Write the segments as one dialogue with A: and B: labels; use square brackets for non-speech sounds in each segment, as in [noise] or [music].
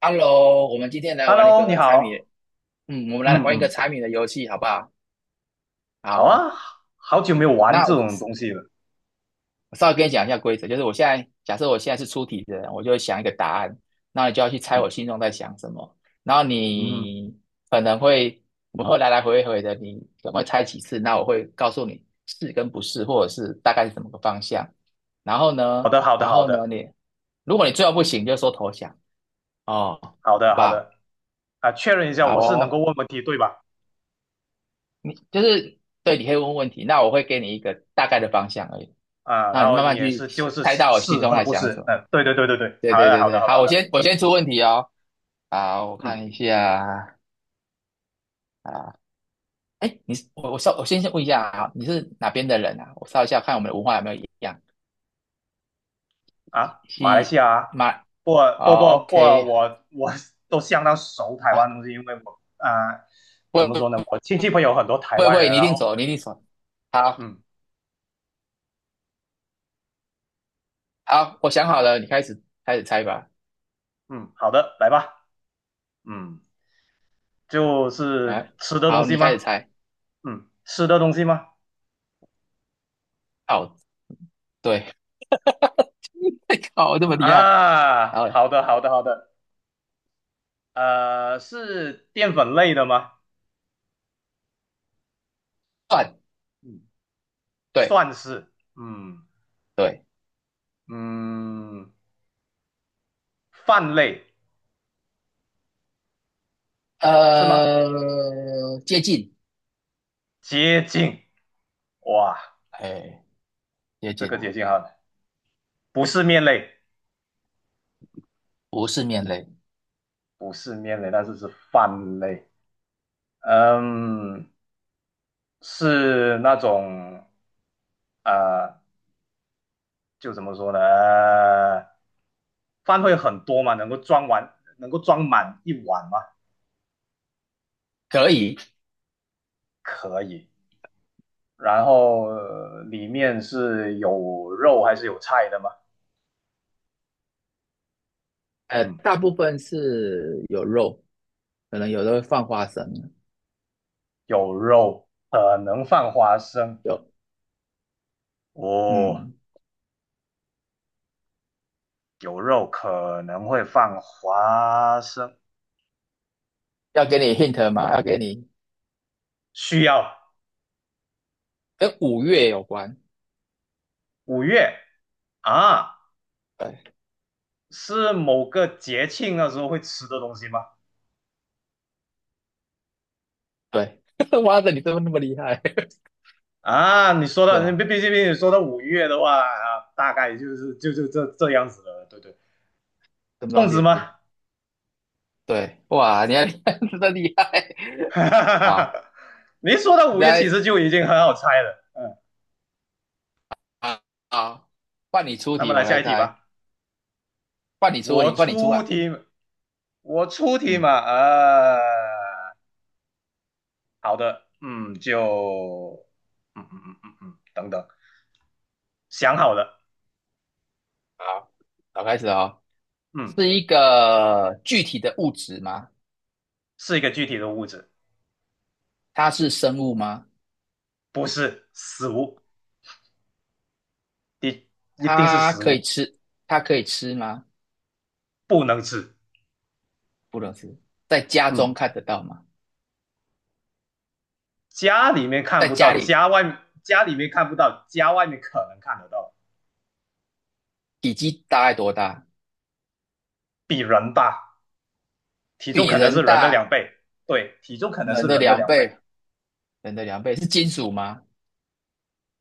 A: Hello,我们今天来玩一
B: Hello，你
A: 个猜谜，
B: 好，
A: 我们来
B: 嗯
A: 玩一个
B: 嗯
A: 猜谜的游戏，好不好？好
B: 好
A: 哦。
B: 啊，好久没有玩
A: 那
B: 这
A: 我
B: 种东西了。
A: 我稍微跟你讲一下规则，就是我现在假设我现在是出题的人，我就会想一个答案，那你就要去猜
B: 嗯，
A: 我心中在想什么。然后
B: 嗯，
A: 你可能会我会来来回回的，你怎能会猜几次，那我会告诉你是跟不是，或者是大概是怎么个方向。然后呢，
B: 好的，好的，
A: 然
B: 好
A: 后呢，
B: 的，
A: 如果你最后不行，就说投降哦，好
B: 好的，
A: 不
B: 好
A: 好？
B: 的。啊，确认一下，
A: 好
B: 我是能够
A: 哦。
B: 问问题对吧？
A: 你就是对，你可以问问题，那我会给你一个大概的方向而已，
B: 啊，
A: 那
B: 然
A: 你
B: 后
A: 慢
B: 你
A: 慢
B: 也
A: 去
B: 是就是
A: 猜
B: 是
A: 到我心
B: 是
A: 中
B: 和
A: 在
B: 不
A: 想什
B: 是，
A: 么。
B: 嗯，对对对对对，
A: 对
B: 好
A: 对
B: 的，
A: 对
B: 好的，
A: 对，
B: 好的，
A: 好，
B: 好
A: 我
B: 的。
A: 先我先出问题哦。好，我
B: 嗯，
A: 看一下啊。哎，你是我我稍我先先问一下啊，你是哪边的人啊？我稍一下看我们的文化有没有一样。
B: 啊，马来西
A: 西
B: 亚啊，
A: 马
B: 不不
A: 哦
B: 不不，
A: ，OK
B: 我都相当熟台湾
A: 啊。
B: 东西，因为我啊，
A: 不
B: 怎么说呢，
A: 会
B: 我亲戚朋友很多台
A: 不会不
B: 湾人。
A: 会，你一
B: 然后，
A: 定走，你一定走。好
B: 嗯
A: 好，我想好了，你开始开始猜吧。
B: 嗯，好的，来吧，嗯，就是
A: 哎、
B: 吃的东
A: 好，
B: 西
A: 你开始
B: 吗？
A: 猜。
B: 嗯，吃的东西吗？
A: 哦，对，[laughs] 靠，这么厉害。然
B: 啊，
A: 后嘞？
B: 好的，好的，好的。是淀粉类的吗？
A: 算，
B: 嗯，
A: 对
B: 算是。嗯
A: 对。
B: 嗯，饭类是吗？
A: 接近。
B: 接近。哇，
A: 哎，接
B: 这
A: 近
B: 个
A: 啊，
B: 接近哈，不是面类，
A: 不是面类。
B: 不是面类，但是是饭类。嗯，是那种呃，就怎么说呢？饭会很多吗？能够装完，能够装满一碗吗？
A: 可以。
B: 可以。然后、里面是有肉还是有菜的吗？嗯，
A: 大部分是有肉，可能有的会放花生。
B: 有肉，可能放花生。
A: 有。
B: 哦，
A: 嗯，
B: 有肉可能会放花生，
A: 要给你 hint 嘛，要给你
B: 需要
A: 跟五月有关。
B: 五月啊，
A: 对
B: 是某个节庆的时候会吃的东西吗？
A: 对，[laughs] 哇塞，你怎么那么厉害？
B: 啊，你说
A: 什
B: 到，你
A: 么
B: 毕竟你说到五月的话啊，大概就是这样子了，对对，
A: 什么东
B: 粽子吗？
A: 西？对，哇，你还 [laughs] 真的厉害。好。
B: [laughs] 你说到
A: 你
B: 五月，其
A: 再
B: 实就已经很好猜了。
A: 啊啊，好，换你出
B: 那么
A: 题，
B: 来
A: 我
B: 下
A: 来
B: 一题
A: 猜。
B: 吧。
A: 换你出问
B: 我
A: 题，换你出
B: 出
A: 啊。
B: 题，我出题嘛，
A: 嗯。
B: 好的，嗯，就，等等，想好了，
A: 好，好，开始哦。
B: 嗯，
A: 是一个具体的物质吗？
B: 是一个具体的物质，
A: 它是生物吗？
B: 不是食物，一一定是
A: 它
B: 食
A: 可以
B: 物，
A: 吃，它可以吃吗？
B: 不能吃，
A: 不能吃。在家
B: 嗯，
A: 中看得到吗？
B: 家里面看
A: 在
B: 不
A: 家
B: 到，
A: 里
B: 家外面家里面看不到，家外面可能看得到，
A: 体积大概多大？
B: 比人大，体重
A: 比
B: 可能是
A: 人
B: 人的两
A: 大，
B: 倍，对，体重可能是
A: 人的
B: 人的
A: 两
B: 两倍，
A: 倍，人的两倍是金属吗？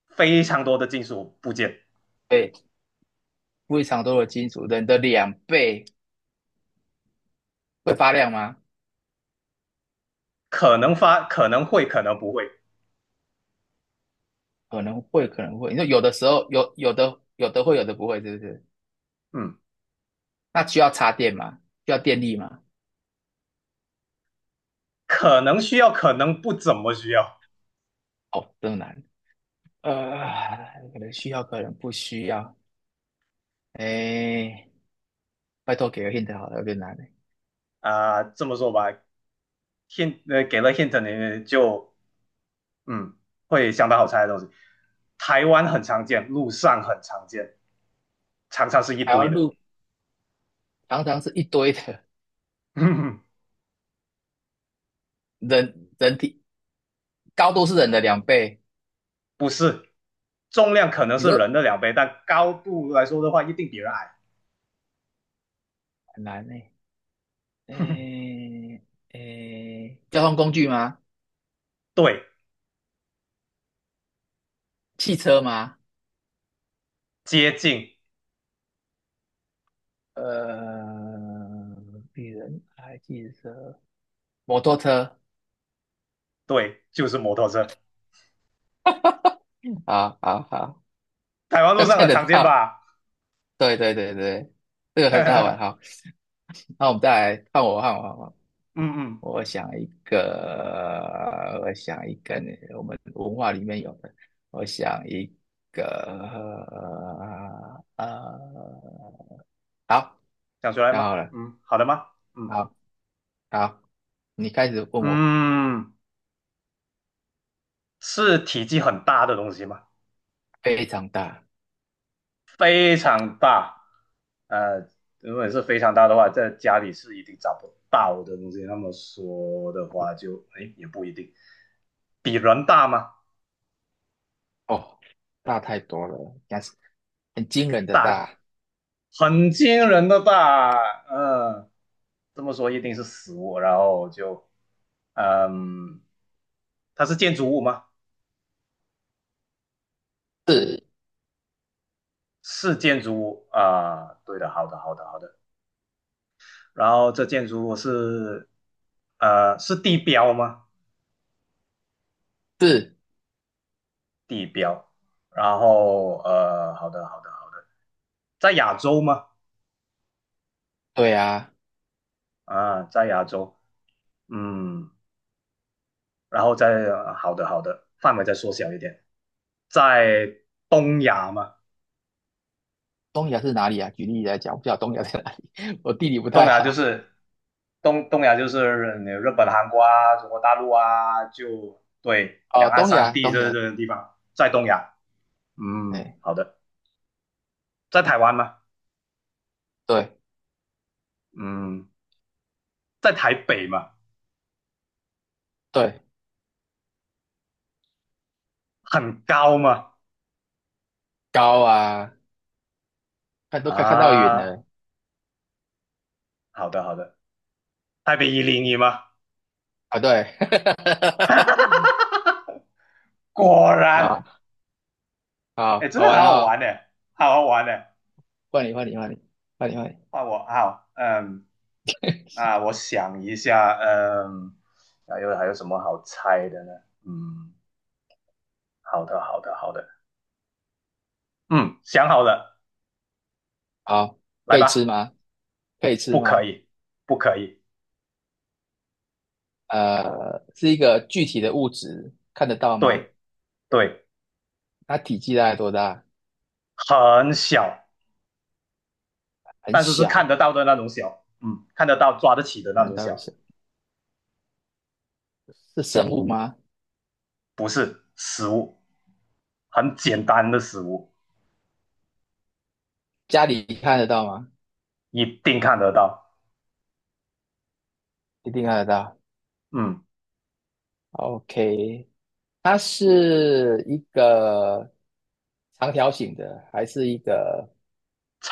B: 非常多的金属部件，
A: 对，非常多的金属。人的两倍会发亮吗？
B: 可能会，可能不会。
A: 可能会，可能会。你说有的时候有，有的会，有的不会，是不是？
B: 嗯，
A: 那需要插电吗？需要电力吗？
B: 可能需要，可能不怎么需要
A: 哦，这么难。可能需要，可能不需要。哎，拜托给个 hint 好了，有点难欸。
B: 啊、这么说吧，hint 给了 hint 你就嗯，会相当好猜的东西。台湾很常见，路上很常见，常常是一
A: 台湾
B: 堆的，
A: 路常常是一堆的，
B: [laughs]
A: 人体高度是人的两倍。
B: 不是重量可能
A: 你
B: 是
A: 说
B: 人的两倍，但高度来说的话，一定比人矮。
A: 很难呢？
B: [laughs]
A: 哎哎，交通工具吗？
B: 对，
A: 汽车吗？
B: 接近，
A: 呃，比人还汽车，摩托车。
B: 对，就是摩托车。
A: 好好好，
B: 台湾
A: 要
B: 路上
A: 猜
B: 很
A: 得
B: 常见
A: 到。
B: 吧？
A: 对对对对，这个
B: [laughs]
A: 很好玩。
B: 嗯
A: 好，那我们再来看我，看我，看我。
B: 嗯，
A: 我想一个，我想一个，我们文化里面有的。我想一个，呃，呃好，
B: 想出来
A: 想
B: 吗？
A: 好了。
B: 嗯好的吗？嗯
A: 好，好，你开始问我。
B: 嗯，是体积很大的东西吗？
A: 非常大。
B: 非常大。呃，如果是非常大的话，在家里是一定找不到的东西。那么说的话就，哎也不一定，比人大吗？
A: 哦，大太多了，但是很惊人的
B: 大，
A: 大。
B: 很惊人的大。嗯，这么说一定是死物，然后就，嗯，它是建筑物吗？
A: 是
B: 是建筑物啊，对的，好的，好的，好的。然后这建筑物是，是地标吗？
A: 是，
B: 地标。然后好的，好的，好的，在亚洲吗？
A: 对啊。
B: 啊，在亚洲，嗯，然后好的，好的，范围再缩小一点，在东亚嘛，
A: 东亚是哪里啊？举例来讲，我不知道东亚在哪里，[laughs] 我地理不
B: 东
A: 太
B: 亚就
A: 好。
B: 是东亚就是你日本、韩国啊、中国大陆啊，就对，
A: 哦，
B: 两岸
A: 东
B: 三
A: 亚，
B: 地
A: 东
B: 这
A: 亚。
B: 这个地方，在东亚，嗯，
A: 哎，
B: 好的，在台湾吗？
A: 对
B: 嗯，在台北嘛，
A: 对，
B: 很高嘛，
A: 高啊，看都看看到云
B: 啊，
A: 了。
B: 好的，好的。台北101吗？
A: 啊！对，[laughs]
B: 果然，
A: 好，好
B: 哎，真
A: 好
B: 的很
A: 玩
B: 好
A: 哦！
B: 玩呢，好好玩呢。
A: 换你，换你，换你，换你，换你。
B: 换我，好，嗯，那我想一下，嗯，还有什么好猜的呢？嗯，好的，好的，好的，嗯，想好了，
A: 好，
B: 来
A: 可以吃
B: 吧。
A: 吗？可以吃
B: 不可
A: 吗？
B: 以，不可以，
A: 是一个具体的物质，看得到吗？
B: 对对，
A: 它体积大概多大？
B: 很小，
A: 很
B: 但是是看
A: 小。
B: 得到的那种小，嗯，看得到抓得起的那
A: 看得
B: 种小，
A: 到的是是生物吗？
B: 不是食物，很简单的食物，
A: 家里看得到吗？
B: 一定看得到，
A: 一定看得到。
B: 嗯，
A: OK,它是一个长条形的，还是一个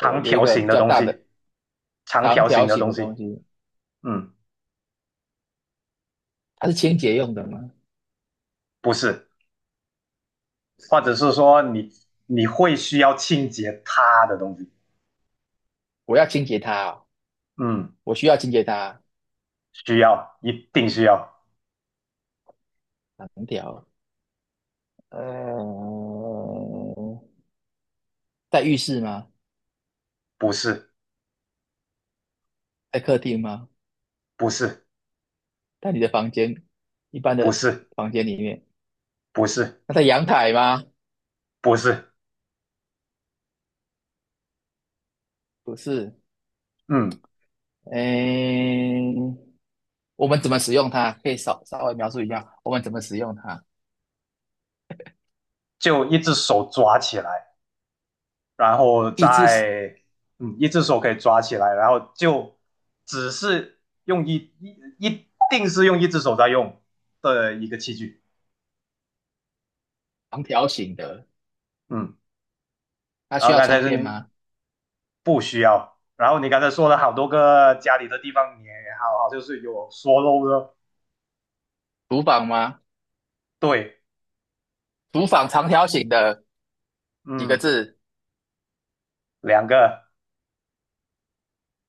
A: 有有一
B: 条
A: 个
B: 形
A: 比
B: 的
A: 较
B: 东
A: 大
B: 西。
A: 的
B: 长
A: 长
B: 条形
A: 条
B: 的
A: 形
B: 东
A: 的东
B: 西，
A: 西？
B: 嗯，
A: 它是清洁用的吗？
B: 不是，或者是说你会需要清洁它的东西，
A: 我要清洁它哦
B: 嗯，
A: 我需要清洁它。
B: 需要，一定需要，
A: 长条。呃，在浴室吗？
B: 不是，
A: 在客厅吗？
B: 不是，
A: 在你的房间，一般
B: 不
A: 的
B: 是，
A: 房间里面？
B: 不是，
A: 那在阳台吗？
B: 不是，
A: 不是。
B: 嗯，
A: 嗯，我们怎么使用它？可以稍微描述一下我们怎么使用它。
B: 就一只手抓起来，然后
A: 一只是
B: 再，嗯，一只手可以抓起来，然后就只是用一一一定是用一只手在用的一个器具，
A: 长条形的。
B: 嗯，
A: 它
B: 然
A: 需
B: 后
A: 要
B: 刚才
A: 充
B: 是
A: 电
B: 你
A: 吗？
B: 不需要。然后你刚才说了好多个家里的地方也好，好就是有说漏的，
A: 厨房吗？
B: 对，
A: 厨房长条形的。几个
B: 嗯，
A: 字？
B: 两个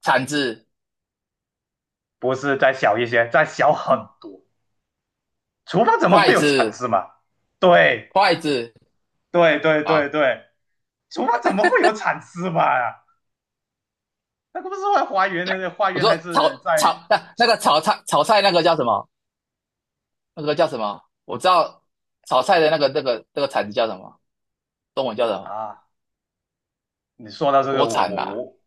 A: 铲子、
B: 不是再小一些，再小很多。厨房怎么
A: 筷
B: 会有铲
A: 子、
B: 子嘛？对，
A: 筷子，
B: 对，对，对，
A: 好。
B: 对，厨房怎么会有铲子嘛？那个不是在花园的，花
A: 我
B: 园
A: 说
B: 还是在
A: 那个炒菜那个叫什么？那个叫什么？我知道炒菜的那个铲子叫什么？中文叫什么？
B: 啊？你说到这个，
A: 锅
B: 我
A: 铲
B: 我
A: 吧。
B: 我，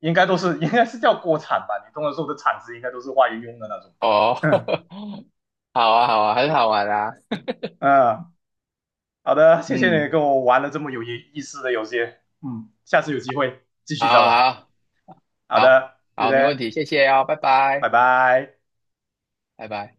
B: 应该应该是叫锅铲吧？你通常说的铲子应该都是花园用的那种，
A: 哦，
B: [laughs] 嗯
A: [laughs] 好啊，好啊，很好玩啊。[laughs]
B: 啊。好的，谢谢你
A: 嗯，
B: 跟我玩了这么有意思的游戏，嗯，下次有机会继续
A: 好
B: 再玩。
A: 好
B: 好
A: 好
B: 的，谢
A: 好，没问
B: 谢，
A: 题，谢谢哦，拜
B: 拜
A: 拜，
B: 拜。
A: 拜拜。